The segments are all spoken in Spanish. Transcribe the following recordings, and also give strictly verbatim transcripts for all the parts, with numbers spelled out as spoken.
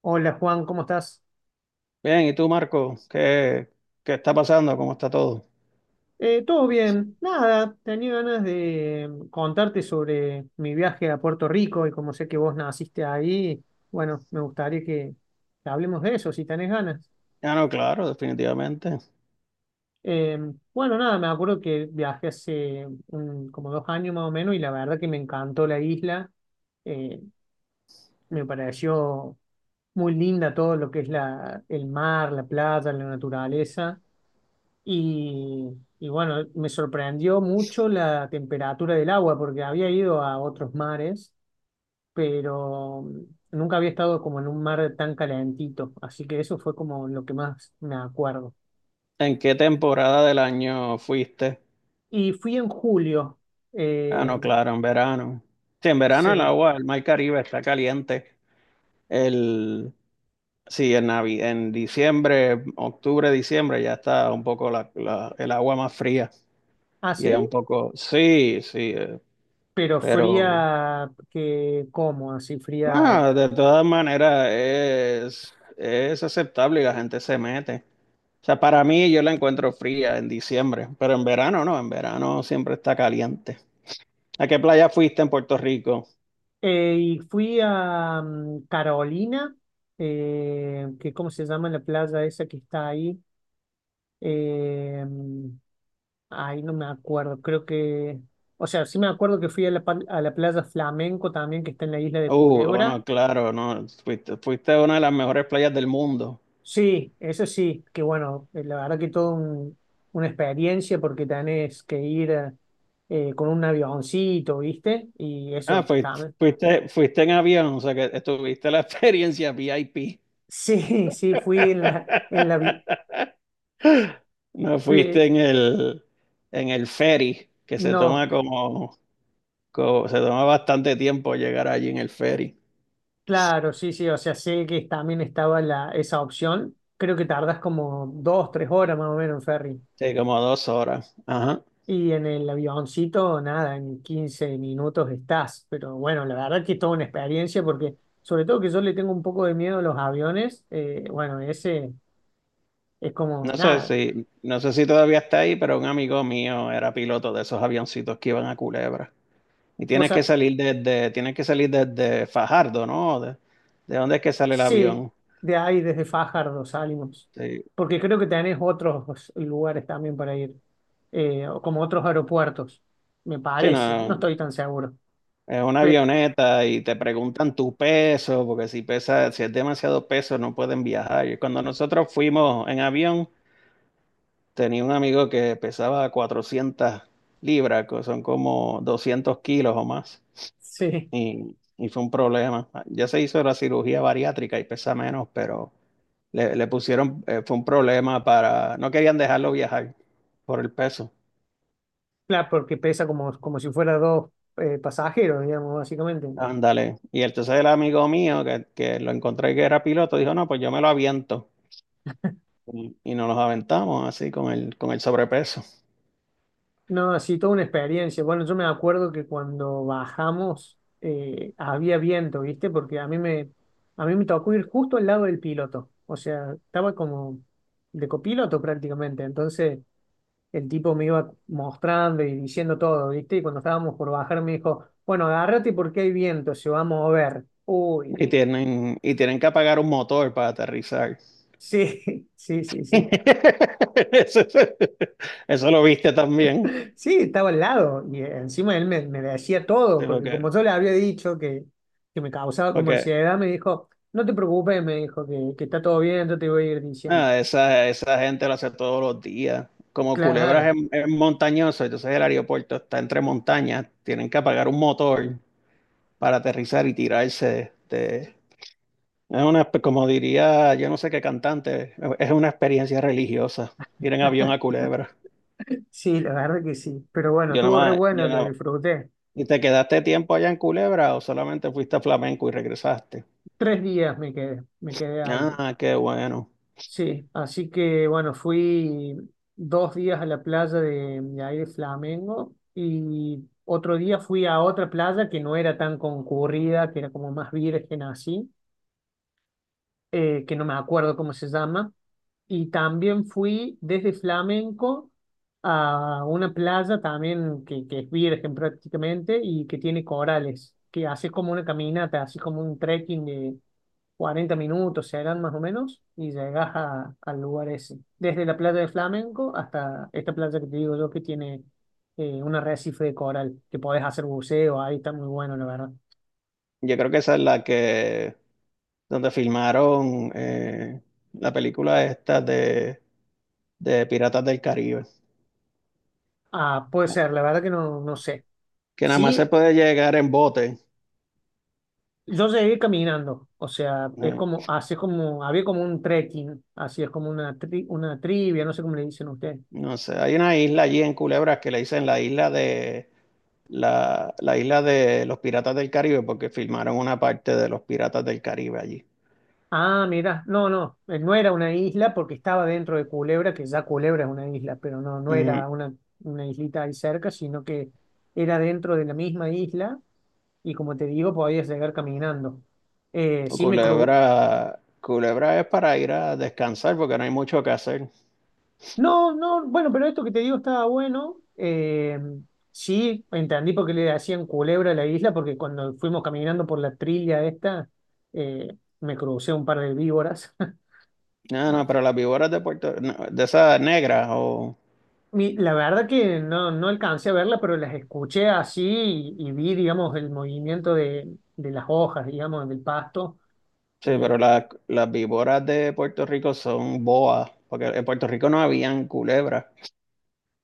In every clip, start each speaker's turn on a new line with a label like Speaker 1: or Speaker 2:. Speaker 1: Hola Juan, ¿cómo estás?
Speaker 2: Bien, ¿y tú, Marco? ¿Qué, qué está pasando? ¿Cómo está todo?
Speaker 1: Eh, todo bien, nada, tenía ganas de mm, contarte sobre mi viaje a Puerto Rico, y como sé que vos naciste ahí, bueno, me gustaría que, que hablemos de eso si tenés ganas.
Speaker 2: Ah, no, claro, definitivamente.
Speaker 1: Eh, bueno, nada, me acuerdo que viajé hace un- como dos años más o menos, y la verdad que me encantó la isla. Eh, Me pareció muy linda todo lo que es la, el mar, la playa, la naturaleza. Y, y bueno, me sorprendió mucho la temperatura del agua porque había ido a otros mares, pero mm, nunca había estado como en un mar tan calentito, así que eso fue como lo que más me acuerdo.
Speaker 2: ¿En qué temporada del año fuiste?
Speaker 1: Y fui en julio,
Speaker 2: Ah,
Speaker 1: eh,
Speaker 2: no, claro, en verano. Sí, en verano el
Speaker 1: sí.
Speaker 2: agua, el mar Caribe está caliente. El, sí, en, Navi- en diciembre, octubre, diciembre ya está un poco la, la- el agua más fría.
Speaker 1: Ah,
Speaker 2: Y es un
Speaker 1: sí,
Speaker 2: poco, sí, sí, eh,
Speaker 1: pero
Speaker 2: pero
Speaker 1: fría, que, ¿cómo? Así fría.
Speaker 2: nada, de todas maneras es, es aceptable y la gente se mete. O sea, para mí yo la encuentro fría en diciembre, pero en verano no, en verano siempre está caliente. ¿A qué playa fuiste en Puerto Rico?
Speaker 1: Eh, y fui a mm, Carolina, eh, que ¿cómo se llama la playa esa que está ahí? Eh, mm, Ay, no me acuerdo, creo que, o sea, sí me acuerdo que fui a la, pa- a la playa Flamenco también, que está en la isla de
Speaker 2: Uh, oh,
Speaker 1: Culebra.
Speaker 2: no, claro, no, fuiste, fuiste a una de las mejores playas del mundo.
Speaker 1: Sí, eso sí, que bueno, eh, la verdad que todo un- una experiencia porque tenés que ir eh, eh, con un avioncito, ¿viste? Y
Speaker 2: Ah,
Speaker 1: eso
Speaker 2: fuiste,
Speaker 1: también.
Speaker 2: fuiste, fuiste en avión, o sea que tuviste la experiencia V I P.
Speaker 1: Sí, sí, fui en la, en la, vi-
Speaker 2: No fuiste
Speaker 1: fui,
Speaker 2: en el, en el ferry, que se
Speaker 1: no,
Speaker 2: toma como, como- se toma bastante tiempo llegar allí en el ferry.
Speaker 1: claro, sí, sí, o sea, sé que también estaba la, esa opción. Creo que tardas como dos, tres horas más o menos en ferry.
Speaker 2: Sí, como dos horas. Ajá.
Speaker 1: Y en el avioncito, nada, en quince minutos estás. Pero bueno, la verdad que es toda una experiencia porque, sobre todo que yo le tengo un poco de miedo a los aviones, eh, bueno, ese es como
Speaker 2: No sé
Speaker 1: nada.
Speaker 2: si, no sé si todavía está ahí, pero un amigo mío era piloto de esos avioncitos que iban a Culebra. Y
Speaker 1: Vos
Speaker 2: tienes que
Speaker 1: sa-
Speaker 2: salir desde, tienes que salir desde Fajardo, ¿no? ¿De, de dónde es que sale el
Speaker 1: sí,
Speaker 2: avión?
Speaker 1: de ahí desde Fajardo salimos.
Speaker 2: Sí.
Speaker 1: Porque creo que tenés otros lugares también para ir, eh, o como otros aeropuertos, me
Speaker 2: Sí,
Speaker 1: parece. No
Speaker 2: no,
Speaker 1: estoy tan seguro.
Speaker 2: es una
Speaker 1: Pe-
Speaker 2: avioneta y te preguntan tu peso, porque si pesa, si es demasiado peso no pueden viajar. Y cuando nosotros fuimos en avión, tenía un amigo que pesaba cuatrocientas libras, que son como doscientos kilos o más.
Speaker 1: sí,
Speaker 2: y, y fue un problema. Ya se hizo la cirugía bariátrica y pesa menos, pero le, le pusieron, eh, fue un problema para, no querían dejarlo viajar por el peso.
Speaker 1: claro, porque pesa como, como si fuera dos eh, pasajeros, digamos, básicamente.
Speaker 2: Ándale. Y entonces el amigo mío que, que lo encontré que era piloto dijo, no, pues yo me lo aviento. Y, y nos los aventamos así con el, con el sobrepeso.
Speaker 1: No, así toda una experiencia. Bueno, yo me acuerdo que cuando bajamos, eh, había viento, ¿viste? Porque a mí me, a mí me tocó ir justo al lado del piloto. O sea, estaba como de copiloto prácticamente. Entonces el tipo me iba mostrando y diciendo todo, ¿viste? Y cuando estábamos por bajar me dijo, bueno, agárrate porque hay viento, se va a mover. Uy,
Speaker 2: Y
Speaker 1: di-
Speaker 2: tienen, y tienen que apagar un motor para aterrizar.
Speaker 1: sí, sí, sí, sí.
Speaker 2: Eso, eso lo viste también.
Speaker 1: Sí, estaba al lado, y encima él me, me decía todo,
Speaker 2: Sí,
Speaker 1: porque
Speaker 2: porque,
Speaker 1: como yo le había dicho que, que me causaba como
Speaker 2: porque
Speaker 1: ansiedad, me dijo, no te preocupes, me dijo que, que está todo bien, yo te voy a ir diciendo.
Speaker 2: ah, esa, esa gente lo hace todos los días. Como Culebra
Speaker 1: Claro,
Speaker 2: es, es montañoso, entonces el aeropuerto está entre montañas, tienen que apagar un motor para aterrizar y tirarse. De- es una, como diría, yo no sé qué cantante, es una experiencia religiosa ir en avión a Culebra.
Speaker 1: sí, la verdad que sí, pero bueno,
Speaker 2: Yo nada
Speaker 1: estuvo re
Speaker 2: más,
Speaker 1: bueno,
Speaker 2: yo
Speaker 1: lo
Speaker 2: nada-
Speaker 1: disfruté.
Speaker 2: ¿Y te quedaste tiempo allá en Culebra o solamente fuiste a Flamenco y regresaste?
Speaker 1: Tres días me quedé, me quedé ahí.
Speaker 2: Ah, qué bueno.
Speaker 1: Sí, así que bueno, fui dos días a la playa de, de ahí de Flamengo, y otro día fui a otra playa que no era tan concurrida, que era como más virgen así, eh, que no me acuerdo cómo se llama. Y también fui desde Flamenco a una playa también que, que es virgen prácticamente, y que tiene corales, que haces como una caminata, así como un trekking de cuarenta minutos, serán más o menos, y llegas a- al lugar ese. Desde la playa de Flamenco hasta esta playa que te digo yo que tiene eh, un arrecife de coral, que podés hacer buceo, ahí está muy bueno, la verdad.
Speaker 2: Yo creo que esa es la que, donde filmaron eh, la película esta de de Piratas del Caribe,
Speaker 1: Ah, puede ser, la verdad que no, no sé.
Speaker 2: que nada más se
Speaker 1: Sí.
Speaker 2: puede llegar en bote.
Speaker 1: Yo llegué caminando, o sea, es
Speaker 2: eh,
Speaker 1: como, así es como, había como un trekking, así es como una, tri- una trivia, no sé cómo le dicen ustedes.
Speaker 2: No sé, hay una isla allí en Culebras que le dicen la isla de la, la isla de los Piratas del Caribe porque filmaron una parte de los Piratas del Caribe allí.
Speaker 1: Ah, mira, no, no, eh, no era una isla porque estaba dentro de Culebra, que ya Culebra es una isla, pero no, no
Speaker 2: Ujú.
Speaker 1: era una, una islita ahí cerca, sino que era dentro de la misma isla, y como te digo, podías llegar caminando. Eh, sí me cru-
Speaker 2: Culebra, Culebra es para ir a descansar porque no hay mucho que hacer.
Speaker 1: No, no, bueno, pero esto que te digo estaba bueno. Eh, sí, entendí por qué le hacían culebra a la isla, porque cuando fuimos caminando por la trilla esta, eh, me crucé un par de víboras.
Speaker 2: No,
Speaker 1: Ah,
Speaker 2: no, pero las víboras de Puerto, no, de esas negras o
Speaker 1: Mi- la verdad que no, no alcancé a verla, pero las escuché así, y, y vi, digamos, el movimiento de, de las hojas, digamos, del pasto.
Speaker 2: sí, pero
Speaker 1: Eh,
Speaker 2: la- las víboras de Puerto Rico son boas, porque en Puerto Rico no habían culebras.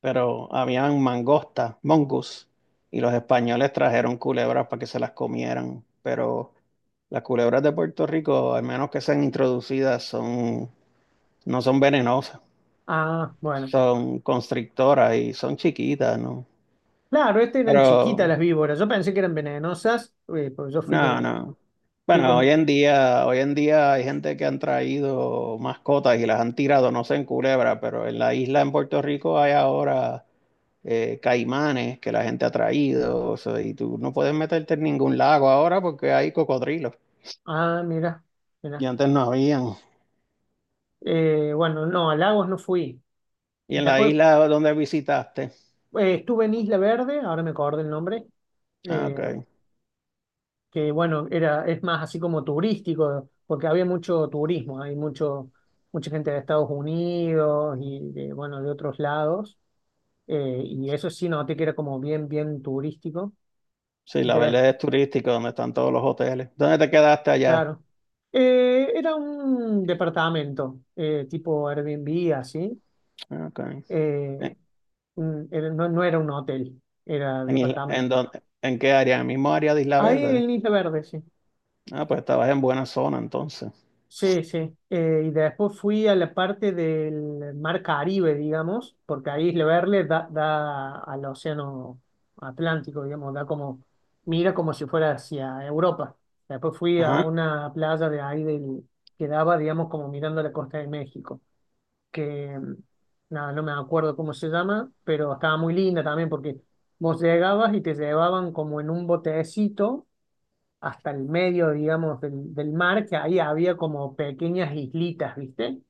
Speaker 2: Pero habían mangosta, mongoose, y los españoles trajeron culebras para que se las comieran, pero las culebras de Puerto Rico, al menos que sean introducidas, son, no son venenosas,
Speaker 1: ah, bueno.
Speaker 2: son constrictoras y son chiquitas, ¿no?
Speaker 1: Claro, estas eran chiquitas
Speaker 2: Pero,
Speaker 1: las víboras. Yo pensé que eran venenosas, eh, porque yo fui
Speaker 2: no,
Speaker 1: con,
Speaker 2: no.
Speaker 1: fui
Speaker 2: Bueno, hoy
Speaker 1: con...
Speaker 2: en día, hoy en día hay gente que han traído mascotas y las han tirado, no sé en Culebra, pero en la isla en Puerto Rico hay ahora eh, caimanes que la gente ha traído, o sea, y tú no puedes meterte en ningún lago ahora porque hay cocodrilos
Speaker 1: Ah, mira.
Speaker 2: y antes no habían.
Speaker 1: Eh, bueno, no, a Lagos no fui.
Speaker 2: Y en la
Speaker 1: Después
Speaker 2: isla donde visitaste,
Speaker 1: eh, estuve en Isla Verde, ahora me acordé el nombre,
Speaker 2: ah,
Speaker 1: eh,
Speaker 2: ok.
Speaker 1: que bueno, era, es más así como turístico, porque había mucho turismo, hay mucho, mucha gente de Estados Unidos y de, bueno, de otros lados, eh, y eso sí noté que era como bien, bien turístico.
Speaker 2: Sí, la
Speaker 1: De,
Speaker 2: Verde es turística, donde están todos los hoteles. ¿Dónde te quedaste allá?
Speaker 1: claro. Eh, era un departamento, eh, tipo Airbnb, así.
Speaker 2: Ah, ok.
Speaker 1: eh,
Speaker 2: ¿En,
Speaker 1: mm, era- no, no era un hotel, era
Speaker 2: en, Isla- en
Speaker 1: departamento.
Speaker 2: dónde- en qué área? ¿En el mismo área de Isla
Speaker 1: Ahí
Speaker 2: Verde?
Speaker 1: en Isla Verde, sí.
Speaker 2: Ah, pues estabas en buena zona entonces.
Speaker 1: Sí, sí. Eh, y después fui a la parte del Mar Caribe, digamos, porque ahí Isla Verde da, da al Océano Atlántico, digamos, da como, mira, como si fuera hacia Europa. Después fui a
Speaker 2: Ajá.
Speaker 1: una playa de ahí del, que daba, digamos, como mirando la costa de México, que mm, nada, no me acuerdo cómo se llama, pero estaba muy linda también porque vos llegabas y te llevaban como en un botecito hasta el medio, digamos, del, del mar, que ahí había como pequeñas islitas, ¿viste?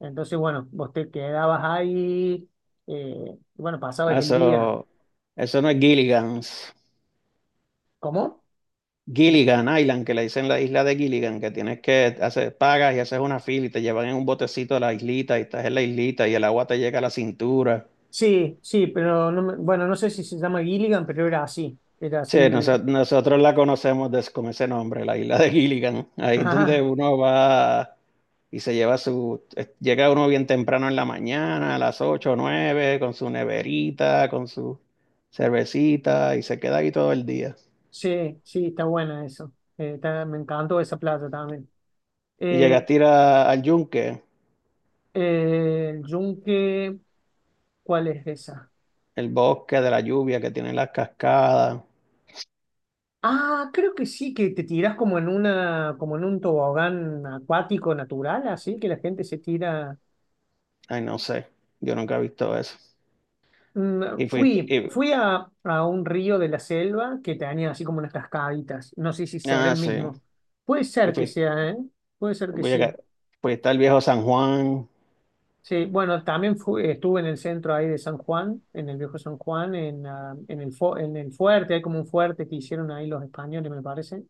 Speaker 1: Entonces, bueno, vos te quedabas ahí, eh, y bueno, pasabas
Speaker 2: Ah,
Speaker 1: el día.
Speaker 2: Eso, eso no es Gilligan's.
Speaker 1: ¿Cómo?
Speaker 2: Gilligan Island, que le dicen la isla de Gilligan, que tienes que hacer, pagas y haces una fila y te llevan en un botecito a la islita y estás en la islita y el agua te llega a la cintura.
Speaker 1: Sí, sí, pero no me- bueno, no sé si se llama Gilligan, pero era así, era
Speaker 2: Sí,
Speaker 1: así
Speaker 2: noso-
Speaker 1: el...
Speaker 2: nosotros la conocemos des- con ese nombre, la isla de Gilligan. Ahí es donde
Speaker 1: Ajá,
Speaker 2: uno va y se lleva su... eh, Llega uno bien temprano en la mañana, a las ocho o nueve, con su neverita, con su cervecita y se queda ahí todo el día.
Speaker 1: sí, sí, está buena eso. Eh, está- me encantó esa playa también.
Speaker 2: Y
Speaker 1: Eh,
Speaker 2: llegaste a ir a- al yunque,
Speaker 1: eh, el yunque, ¿cuál es esa?
Speaker 2: el bosque de la lluvia que tiene las cascadas.
Speaker 1: Ah, creo que sí, que te tirás como en una, como en un tobogán acuático natural, así que la gente se tira.
Speaker 2: Ay, no sé. Yo nunca he visto eso.
Speaker 1: Mm,
Speaker 2: Y fui,
Speaker 1: fui,
Speaker 2: y,
Speaker 1: fui a, a un río de la selva que tenía así como unas cascaditas. No sé si será
Speaker 2: ah,
Speaker 1: el
Speaker 2: sí.
Speaker 1: mismo. Puede
Speaker 2: Y
Speaker 1: ser que
Speaker 2: fui,
Speaker 1: sea, ¿eh? Puede ser que
Speaker 2: voy a,
Speaker 1: sí.
Speaker 2: Fui, está el viejo San Juan,
Speaker 1: Sí, bueno, también fui- estuve en el centro ahí de San Juan, en el viejo San Juan, en, ah, en el, fu- en el fuerte, hay como un fuerte que hicieron ahí los españoles, me parece.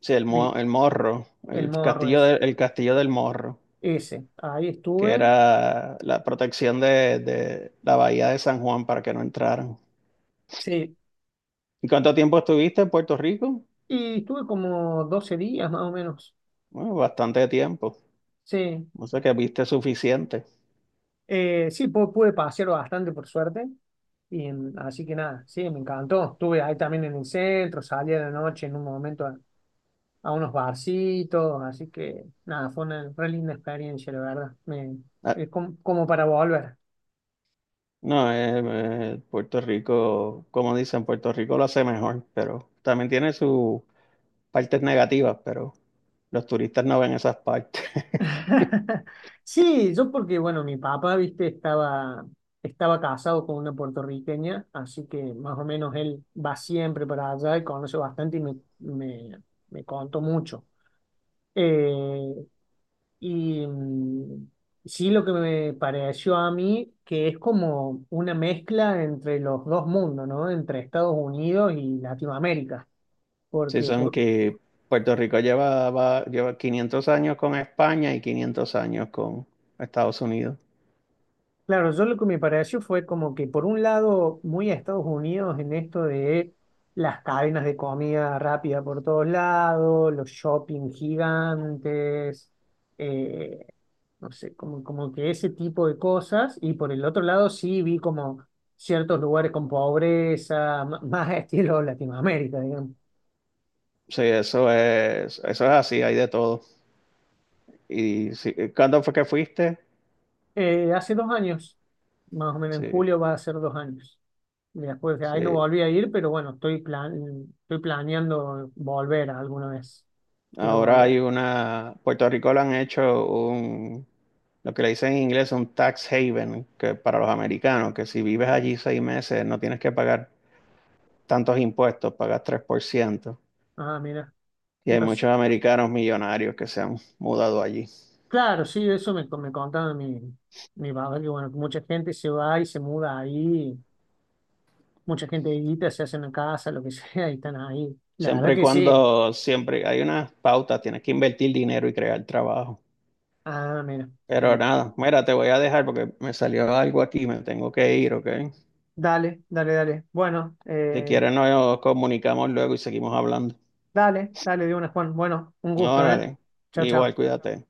Speaker 2: sí, el, mo-
Speaker 1: Vi,
Speaker 2: el morro,
Speaker 1: el
Speaker 2: el
Speaker 1: morro
Speaker 2: castillo,
Speaker 1: es
Speaker 2: de- el castillo del morro,
Speaker 1: ese. Ahí
Speaker 2: que
Speaker 1: estuve.
Speaker 2: era la protección de, de la bahía de San Juan para que no entraran.
Speaker 1: Sí.
Speaker 2: ¿Y cuánto tiempo estuviste en Puerto Rico?
Speaker 1: Y estuve como doce días más o menos.
Speaker 2: Bueno, bastante tiempo.
Speaker 1: Sí.
Speaker 2: No sé que viste suficiente.
Speaker 1: Eh, sí, pu- pude pasear bastante por suerte. Y en- así que nada, sí, me encantó. Estuve ahí también en el centro, salí a la noche en un momento a, a unos barcitos. Así que nada, fue una re linda experiencia, la verdad. Me,
Speaker 2: Ah,
Speaker 1: es como, como para volver.
Speaker 2: no, eh, eh, Puerto Rico, como dicen, Puerto Rico lo hace mejor, pero también tiene su partes negativas, pero los turistas no ven esas partes.
Speaker 1: Sí, yo porque, bueno, mi papá, viste, estaba, estaba casado con una puertorriqueña, así que más o menos él va siempre para allá y conoce bastante, y me, me, me contó mucho. Eh, y mm, sí, lo que me pareció a mí, que es como una mezcla entre los dos mundos, ¿no? Entre Estados Unidos y Latinoamérica,
Speaker 2: Sí,
Speaker 1: porque
Speaker 2: son
Speaker 1: por-
Speaker 2: que Puerto Rico lleva, va- lleva quinientos años con España y quinientos años con Estados Unidos.
Speaker 1: claro, yo lo que me pareció fue como que por un lado muy a Estados Unidos en esto de las cadenas de comida rápida por todos lados, los shopping gigantes, eh, no sé, como, como, que ese tipo de cosas. Y por el otro lado sí vi como ciertos lugares con pobreza, ma- más estilo Latinoamérica, digamos.
Speaker 2: Sí, eso es, eso es así, hay de todo. Y sí, ¿cuándo fue que fuiste?
Speaker 1: Eh, hace dos años, más o menos en
Speaker 2: Sí,
Speaker 1: julio va a ser dos años. Y después, de
Speaker 2: sí.
Speaker 1: ahí no volví a ir, pero bueno, estoy, plan, estoy planeando volver alguna vez. Quiero
Speaker 2: Ahora hay
Speaker 1: volver.
Speaker 2: una, Puerto Rico le han hecho un, lo que le dicen en inglés, un tax haven, que para los americanos, que si vives allí seis meses no tienes que pagar tantos impuestos, pagas tres por ciento.
Speaker 1: Ah, mira.
Speaker 2: Y hay
Speaker 1: Pues,
Speaker 2: muchos americanos millonarios que se han mudado allí.
Speaker 1: claro, sí, eso me, me contaba mi, mi papá, que bueno, mucha gente se va y se muda ahí, mucha gente edita, se hace una casa, lo que sea, y están ahí. La verdad
Speaker 2: Siempre y
Speaker 1: que sí.
Speaker 2: cuando, siempre hay unas pautas, tienes que invertir dinero y crear trabajo.
Speaker 1: Ah, mira.
Speaker 2: Pero
Speaker 1: Mira.
Speaker 2: nada, mira, te voy a dejar porque me salió algo aquí, me tengo que ir, ¿ok?
Speaker 1: Dale, dale, dale. Bueno,
Speaker 2: Si
Speaker 1: eh,
Speaker 2: quieres nos comunicamos luego y seguimos hablando.
Speaker 1: dale, dale de una, Juan. Bueno, un gusto, ¿eh?
Speaker 2: Órale,
Speaker 1: Chao,
Speaker 2: igual,
Speaker 1: chao.
Speaker 2: cuídate.